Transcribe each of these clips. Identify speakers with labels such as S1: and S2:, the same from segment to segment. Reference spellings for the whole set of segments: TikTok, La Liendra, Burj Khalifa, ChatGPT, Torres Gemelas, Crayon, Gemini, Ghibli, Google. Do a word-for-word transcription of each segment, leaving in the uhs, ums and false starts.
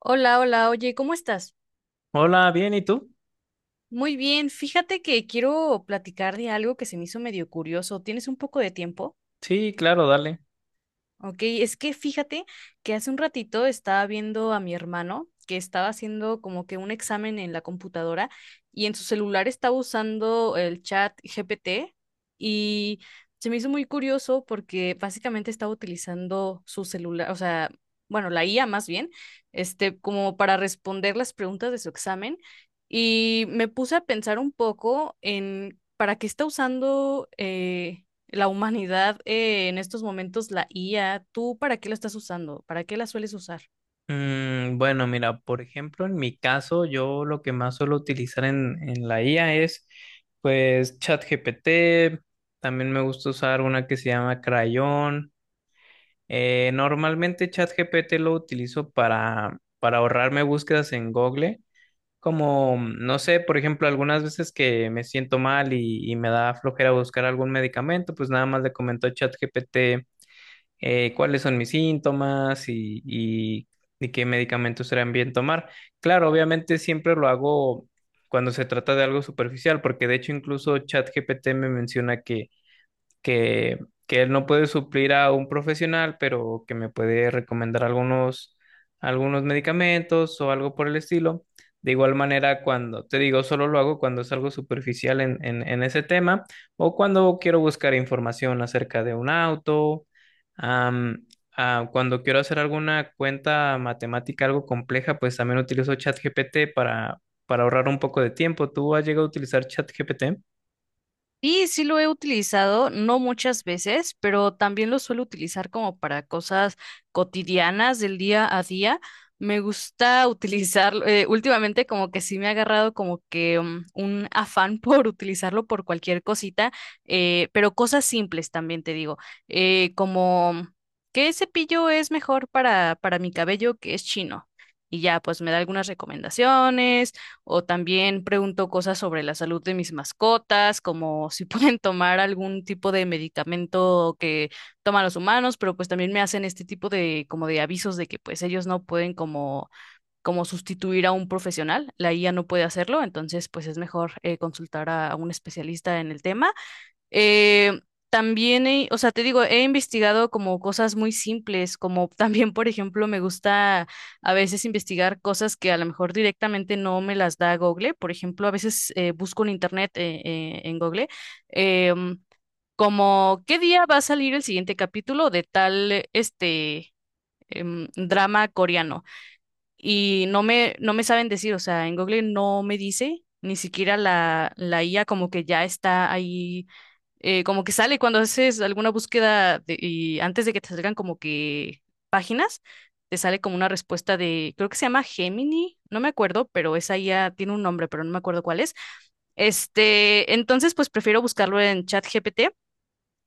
S1: Hola, hola, oye, ¿cómo estás?
S2: Hola, bien, ¿y tú?
S1: Muy bien, fíjate que quiero platicar de algo que se me hizo medio curioso. ¿Tienes un poco de tiempo?
S2: Sí, claro, dale.
S1: Ok, es que fíjate que hace un ratito estaba viendo a mi hermano que estaba haciendo como que un examen en la computadora y en su celular estaba usando el chat G P T y se me hizo muy curioso porque básicamente estaba utilizando su celular, o sea, bueno, la I A más bien, este, como para responder las preguntas de su examen y me puse a pensar un poco en para qué está usando eh, la humanidad, eh, en estos momentos, la I A. ¿Tú para qué la estás usando? ¿Para qué la sueles usar?
S2: Mm, bueno, mira, por ejemplo, en mi caso, yo lo que más suelo utilizar en, en la I A es, pues, ChatGPT. También me gusta usar una que se llama Crayon. Eh, normalmente ChatGPT lo utilizo para, para ahorrarme búsquedas en Google. Como, no sé, por ejemplo, algunas veces que me siento mal y, y me da flojera buscar algún medicamento, pues nada más le comento a ChatGPT eh, cuáles son mis síntomas y, y- y qué medicamentos serán bien tomar. Claro, obviamente siempre lo hago cuando se trata de algo superficial, porque de hecho incluso ChatGPT me menciona que que, que él no puede suplir a un profesional, pero que me puede recomendar algunos, algunos medicamentos o algo por el estilo. De igual manera, cuando te digo, solo lo hago cuando es algo superficial en, en, en ese tema o cuando quiero buscar información acerca de un auto, am, ah, cuando quiero hacer alguna cuenta matemática algo compleja, pues también utilizo ChatGPT para, para ahorrar un poco de tiempo. ¿Tú has llegado a utilizar ChatGPT?
S1: Sí, sí lo he utilizado, no muchas veces, pero también lo suelo utilizar como para cosas cotidianas del día a día. Me gusta utilizarlo, eh, últimamente como que sí me ha agarrado como que mm, un afán por utilizarlo por cualquier cosita, eh, pero cosas simples también te digo, eh, como ¿qué cepillo es mejor para, para mi cabello que es chino? Y ya, pues me da algunas recomendaciones o también pregunto cosas sobre la salud de mis mascotas, como si pueden tomar algún tipo de medicamento que toman los humanos, pero pues también me hacen este tipo de como de avisos de que pues ellos no pueden como como sustituir a un profesional, la I A no puede hacerlo, entonces pues es mejor eh, consultar a, a un especialista en el tema. Eh, también, he- o sea, te digo, he investigado como cosas muy simples, como también, por ejemplo, me gusta a veces investigar cosas que a lo mejor directamente no me las da Google. Por ejemplo, a veces eh, busco en internet, eh, eh, en Google, em, como qué día va a salir el siguiente capítulo de tal, este, em, drama coreano. Y no me, no me saben decir, o sea, en Google no me dice. Ni siquiera la, la I A como que ya está ahí eh, como que sale cuando haces alguna búsqueda de- y antes de que te salgan como que páginas, te sale como una respuesta de, creo que se llama Gemini, no me acuerdo, pero esa ya tiene un nombre, pero no me acuerdo cuál es. Este, entonces pues prefiero buscarlo en ChatGPT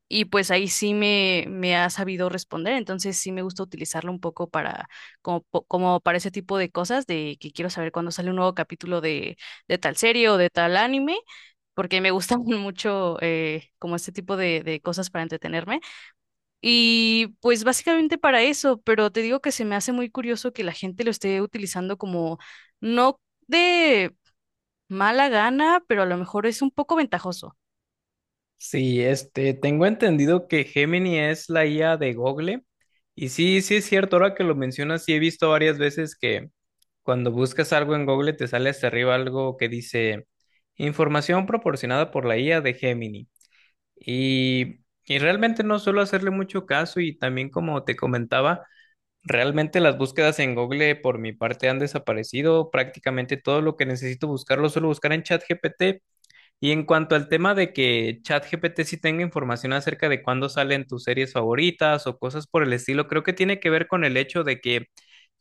S1: y pues ahí sí me, me ha sabido responder, entonces sí me gusta utilizarlo un poco para como, po- como para ese tipo de cosas de que quiero saber cuándo sale un nuevo capítulo de, de tal serie o de tal anime porque me gustan mucho eh, como este tipo de, de cosas para entretenerme. Y pues básicamente para eso, pero te digo que se me hace muy curioso que la gente lo esté utilizando como no de mala gana, pero a lo mejor es un poco ventajoso.
S2: Sí, este, tengo entendido que Gemini es la I A de Google. Y sí, sí es cierto, ahora que lo mencionas, sí he visto varias veces que cuando buscas algo en Google te sale hasta arriba algo que dice información proporcionada por la I A de Gemini. Y, y realmente no suelo hacerle mucho caso y también como te comentaba, realmente las búsquedas en Google por mi parte han desaparecido. Prácticamente todo lo que necesito buscar lo suelo buscar en ChatGPT. Y en cuanto al tema de que ChatGPT sí tenga información acerca de cuándo salen tus series favoritas o cosas por el estilo, creo que tiene que ver con el hecho de que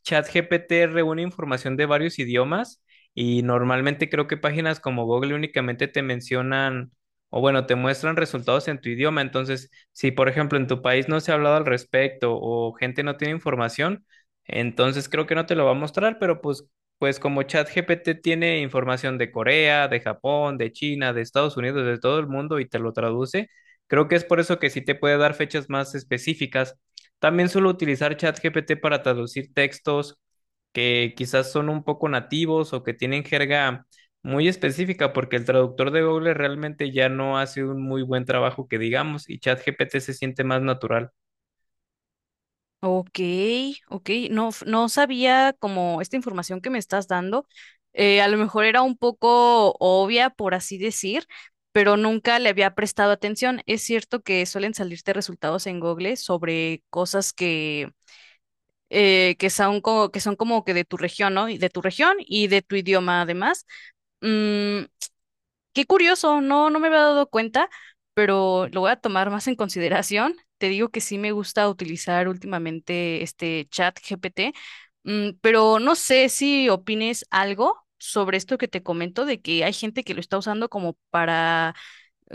S2: ChatGPT reúne información de varios idiomas y normalmente creo que páginas como Google únicamente te mencionan o bueno, te muestran resultados en tu idioma. Entonces, si por ejemplo en tu país no se ha hablado al respecto o gente no tiene información, entonces creo que no te lo va a mostrar, pero pues, pues como ChatGPT tiene información de Corea, de Japón, de China, de Estados Unidos, de todo el mundo y te lo traduce, creo que es por eso que sí te puede dar fechas más específicas. También suelo utilizar ChatGPT para traducir textos que quizás son un poco nativos o que tienen jerga muy específica, porque el traductor de Google realmente ya no hace un muy buen trabajo que digamos, y ChatGPT se siente más natural.
S1: Ok, ok, no, f- no sabía como esta información que me estás dando, eh, a lo mejor era un poco obvia, por así decir, pero nunca le había prestado atención. Es cierto que suelen salirte resultados en Google sobre cosas que, eh, que son como, que son como que de tu región, ¿no? Y de tu región y de tu idioma además. Mm, Qué curioso, no, no me había dado cuenta, pero lo voy a tomar más en consideración. Te digo que sí me gusta utilizar últimamente este chat G P T, mm, pero no sé si opines algo sobre esto que te comento de que hay gente que lo está usando como para,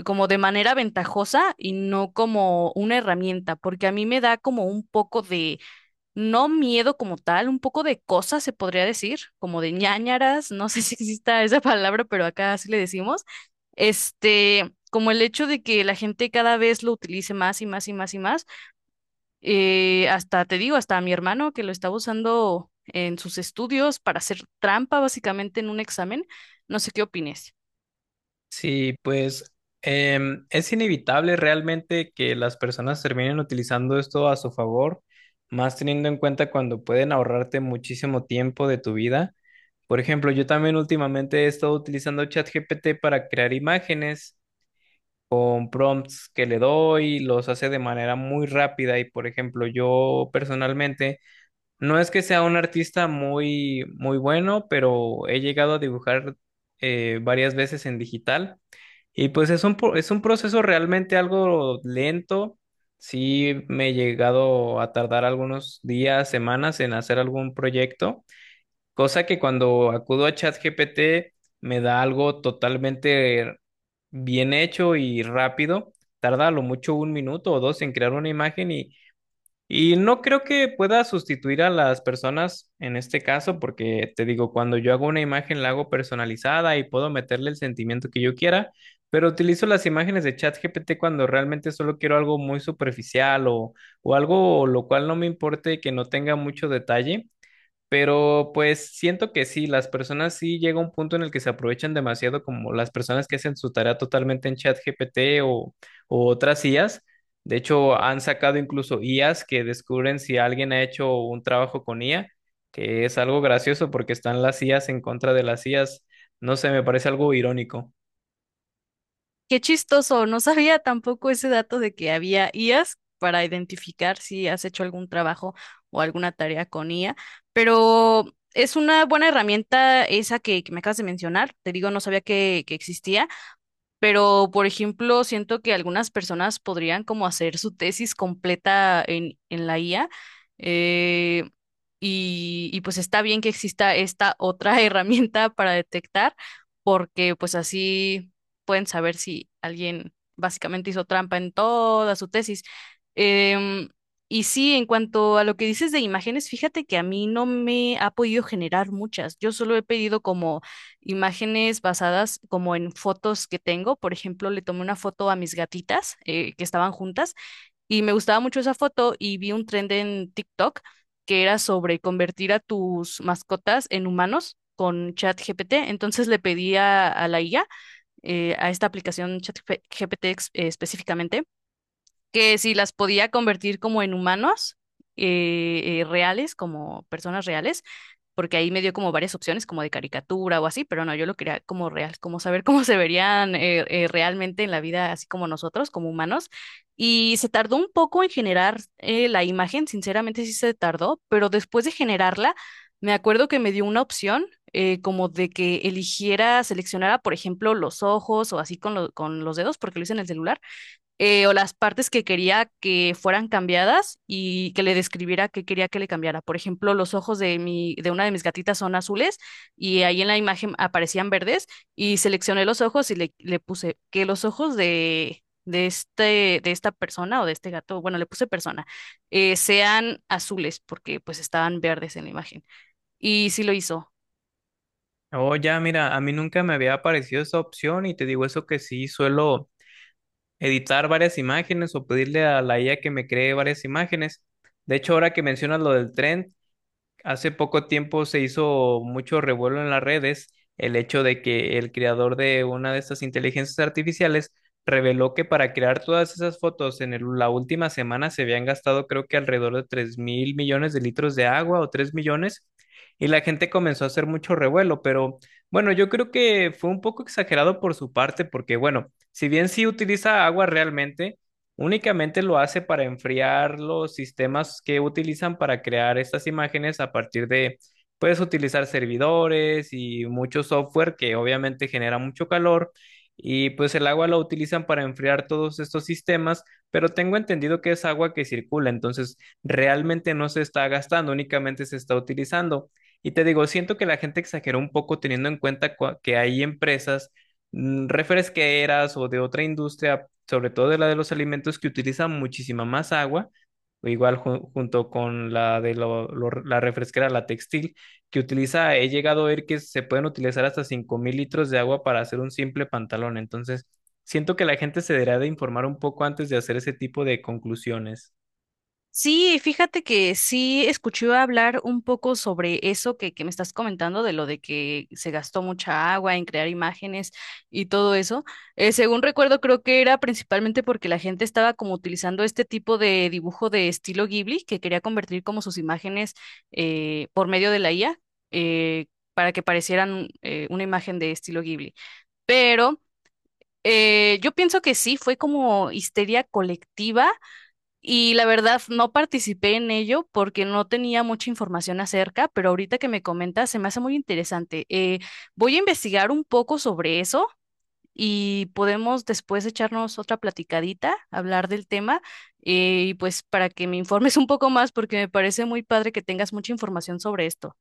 S1: como de manera ventajosa y no como una herramienta, porque a mí me da como un poco de no miedo como tal, un poco de cosas se podría decir, como de ñáñaras, no sé si exista esa palabra, pero acá sí le decimos. Este, como el hecho de que la gente cada vez lo utilice más y más y más y más. Eh, hasta te digo, hasta a mi hermano que lo estaba usando en sus estudios para hacer trampa básicamente en un examen. No sé qué opines.
S2: Sí, pues em, es inevitable realmente que las personas terminen utilizando esto a su favor, más teniendo en cuenta cuando pueden ahorrarte muchísimo tiempo de tu vida. Por ejemplo, yo también últimamente he estado utilizando ChatGPT para crear imágenes con prompts que le doy, los hace de manera muy rápida y por ejemplo, yo personalmente no es que sea un artista muy muy bueno, pero he llegado a dibujar eh, varias veces en digital y pues es un pro- es un proceso realmente algo lento. Sí me he llegado a tardar algunos días, semanas en hacer algún proyecto. Cosa que cuando acudo a ChatGPT me da algo totalmente bien hecho y rápido. Tarda a lo mucho un minuto o dos en crear una imagen y, y no creo que pueda sustituir a las personas en este caso, porque te digo, cuando yo hago una imagen la hago personalizada y puedo meterle el sentimiento que yo quiera, pero utilizo las imágenes de ChatGPT cuando realmente solo quiero algo muy superficial o, o algo lo cual no me importe que no tenga mucho detalle. Pero pues siento que sí, las personas sí llega un punto en el que se aprovechan demasiado, como las personas que hacen su tarea totalmente en ChatGPT o, o otras I As. De hecho, han sacado incluso I As que descubren si alguien ha hecho un trabajo con I A, que es algo gracioso porque están las I As en contra de las I As. No sé, me parece algo irónico.
S1: Qué chistoso, no sabía tampoco ese dato de que había I As para identificar si has hecho algún trabajo o alguna tarea con I A, pero es una buena herramienta esa que, que me acabas de mencionar. Te digo, no sabía que, que existía. Pero, por ejemplo, siento que algunas personas podrían como hacer su tesis completa en, en la I A. eh, y, y pues está bien que exista esta otra herramienta para detectar, porque pues así pueden saber si alguien básicamente hizo trampa en toda su tesis. Em, y sí, en cuanto a lo que dices de imágenes, fíjate que a mí no me ha podido generar muchas. Yo solo he pedido como imágenes basadas como en fotos que tengo. Por ejemplo, le tomé una foto a mis gatitas eh, que estaban juntas y me gustaba mucho esa foto y vi un trend en TikTok que era sobre convertir a tus mascotas en humanos con ChatGPT. Entonces le pedí a, a la I A, eh, a esta aplicación ChatGPT ex- eh, específicamente que si las podía convertir como en humanos eh, eh, reales, como personas reales, porque ahí me dio como varias opciones, como de caricatura o así, pero no, yo lo quería como real, como saber cómo se verían eh, eh, realmente en la vida, así como nosotros, como humanos. Y se tardó un poco en generar eh, la imagen, sinceramente sí se tardó, pero después de generarla, me acuerdo que me dio una opción. Eh, como de que eligiera, seleccionara, por ejemplo, los ojos o así con, lo- con los dedos, porque lo hice en el celular, eh, o las partes que quería que fueran cambiadas y que le describiera qué quería que le cambiara. Por ejemplo, los ojos de mi, de una de mis gatitas son azules y ahí en la imagen aparecían verdes y seleccioné los ojos y le, le puse que los ojos de, de este, de esta persona o de este gato, bueno, le puse persona, eh, sean azules porque pues estaban verdes en la imagen. Y sí lo hizo.
S2: Oh, ya, mira, a mí nunca me había aparecido esa opción y te digo eso que sí suelo editar varias imágenes o pedirle a la I A que me cree varias imágenes. De hecho, ahora que mencionas lo del tren, hace poco tiempo se hizo mucho revuelo en las redes el hecho de que el creador de una de estas inteligencias artificiales reveló que para crear todas esas fotos en el- la última semana se habían gastado creo que alrededor de tres mil millones de litros de agua o tres millones y la gente comenzó a hacer mucho revuelo, pero bueno, yo creo que fue un poco exagerado por su parte porque bueno, si bien sí utiliza agua realmente, únicamente lo hace para enfriar los sistemas que utilizan para crear estas imágenes a partir de, puedes utilizar servidores y mucho software que obviamente genera mucho calor y pues el agua lo utilizan para enfriar todos estos sistemas, pero tengo entendido que es agua que circula, entonces realmente no se está gastando, únicamente se está utilizando. Y te digo, siento que la gente exageró un poco teniendo en cuenta cua- que hay empresas mm, refresqueras o de otra industria, sobre todo de la de los alimentos que utilizan muchísima más agua, o igual ju- junto con la de lo- lo- la refresquera, la textil, que utiliza, he llegado a ver que se pueden utilizar hasta cinco mil litros de agua para hacer un simple pantalón. Entonces, siento que la gente se debería de informar un poco antes de hacer ese tipo de conclusiones.
S1: Sí, fíjate que sí escuché hablar un poco sobre eso que, que me estás comentando, de lo de que se gastó mucha agua en crear imágenes y todo eso. Eh, según recuerdo, creo que era principalmente porque la gente estaba como utilizando este tipo de dibujo de estilo Ghibli, que quería convertir como sus imágenes eh, por medio de la I A, eh, para que parecieran eh, una imagen de estilo Ghibli. Pero eh, yo pienso que sí, fue como histeria colectiva y la verdad, no participé en ello porque no tenía mucha información acerca, pero ahorita que me comentas se me hace muy interesante. Eh, voy a investigar un poco sobre eso y podemos después echarnos otra platicadita, hablar del tema eh, y pues para que me informes un poco más porque me parece muy padre que tengas mucha información sobre esto.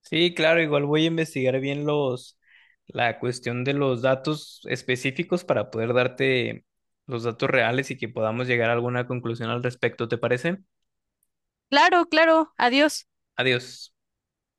S2: Sí, claro, igual voy a investigar bien los, la cuestión de los datos específicos para poder darte los datos reales y que podamos llegar a alguna conclusión al respecto, ¿te parece?
S1: Claro, claro, adiós.
S2: Adiós.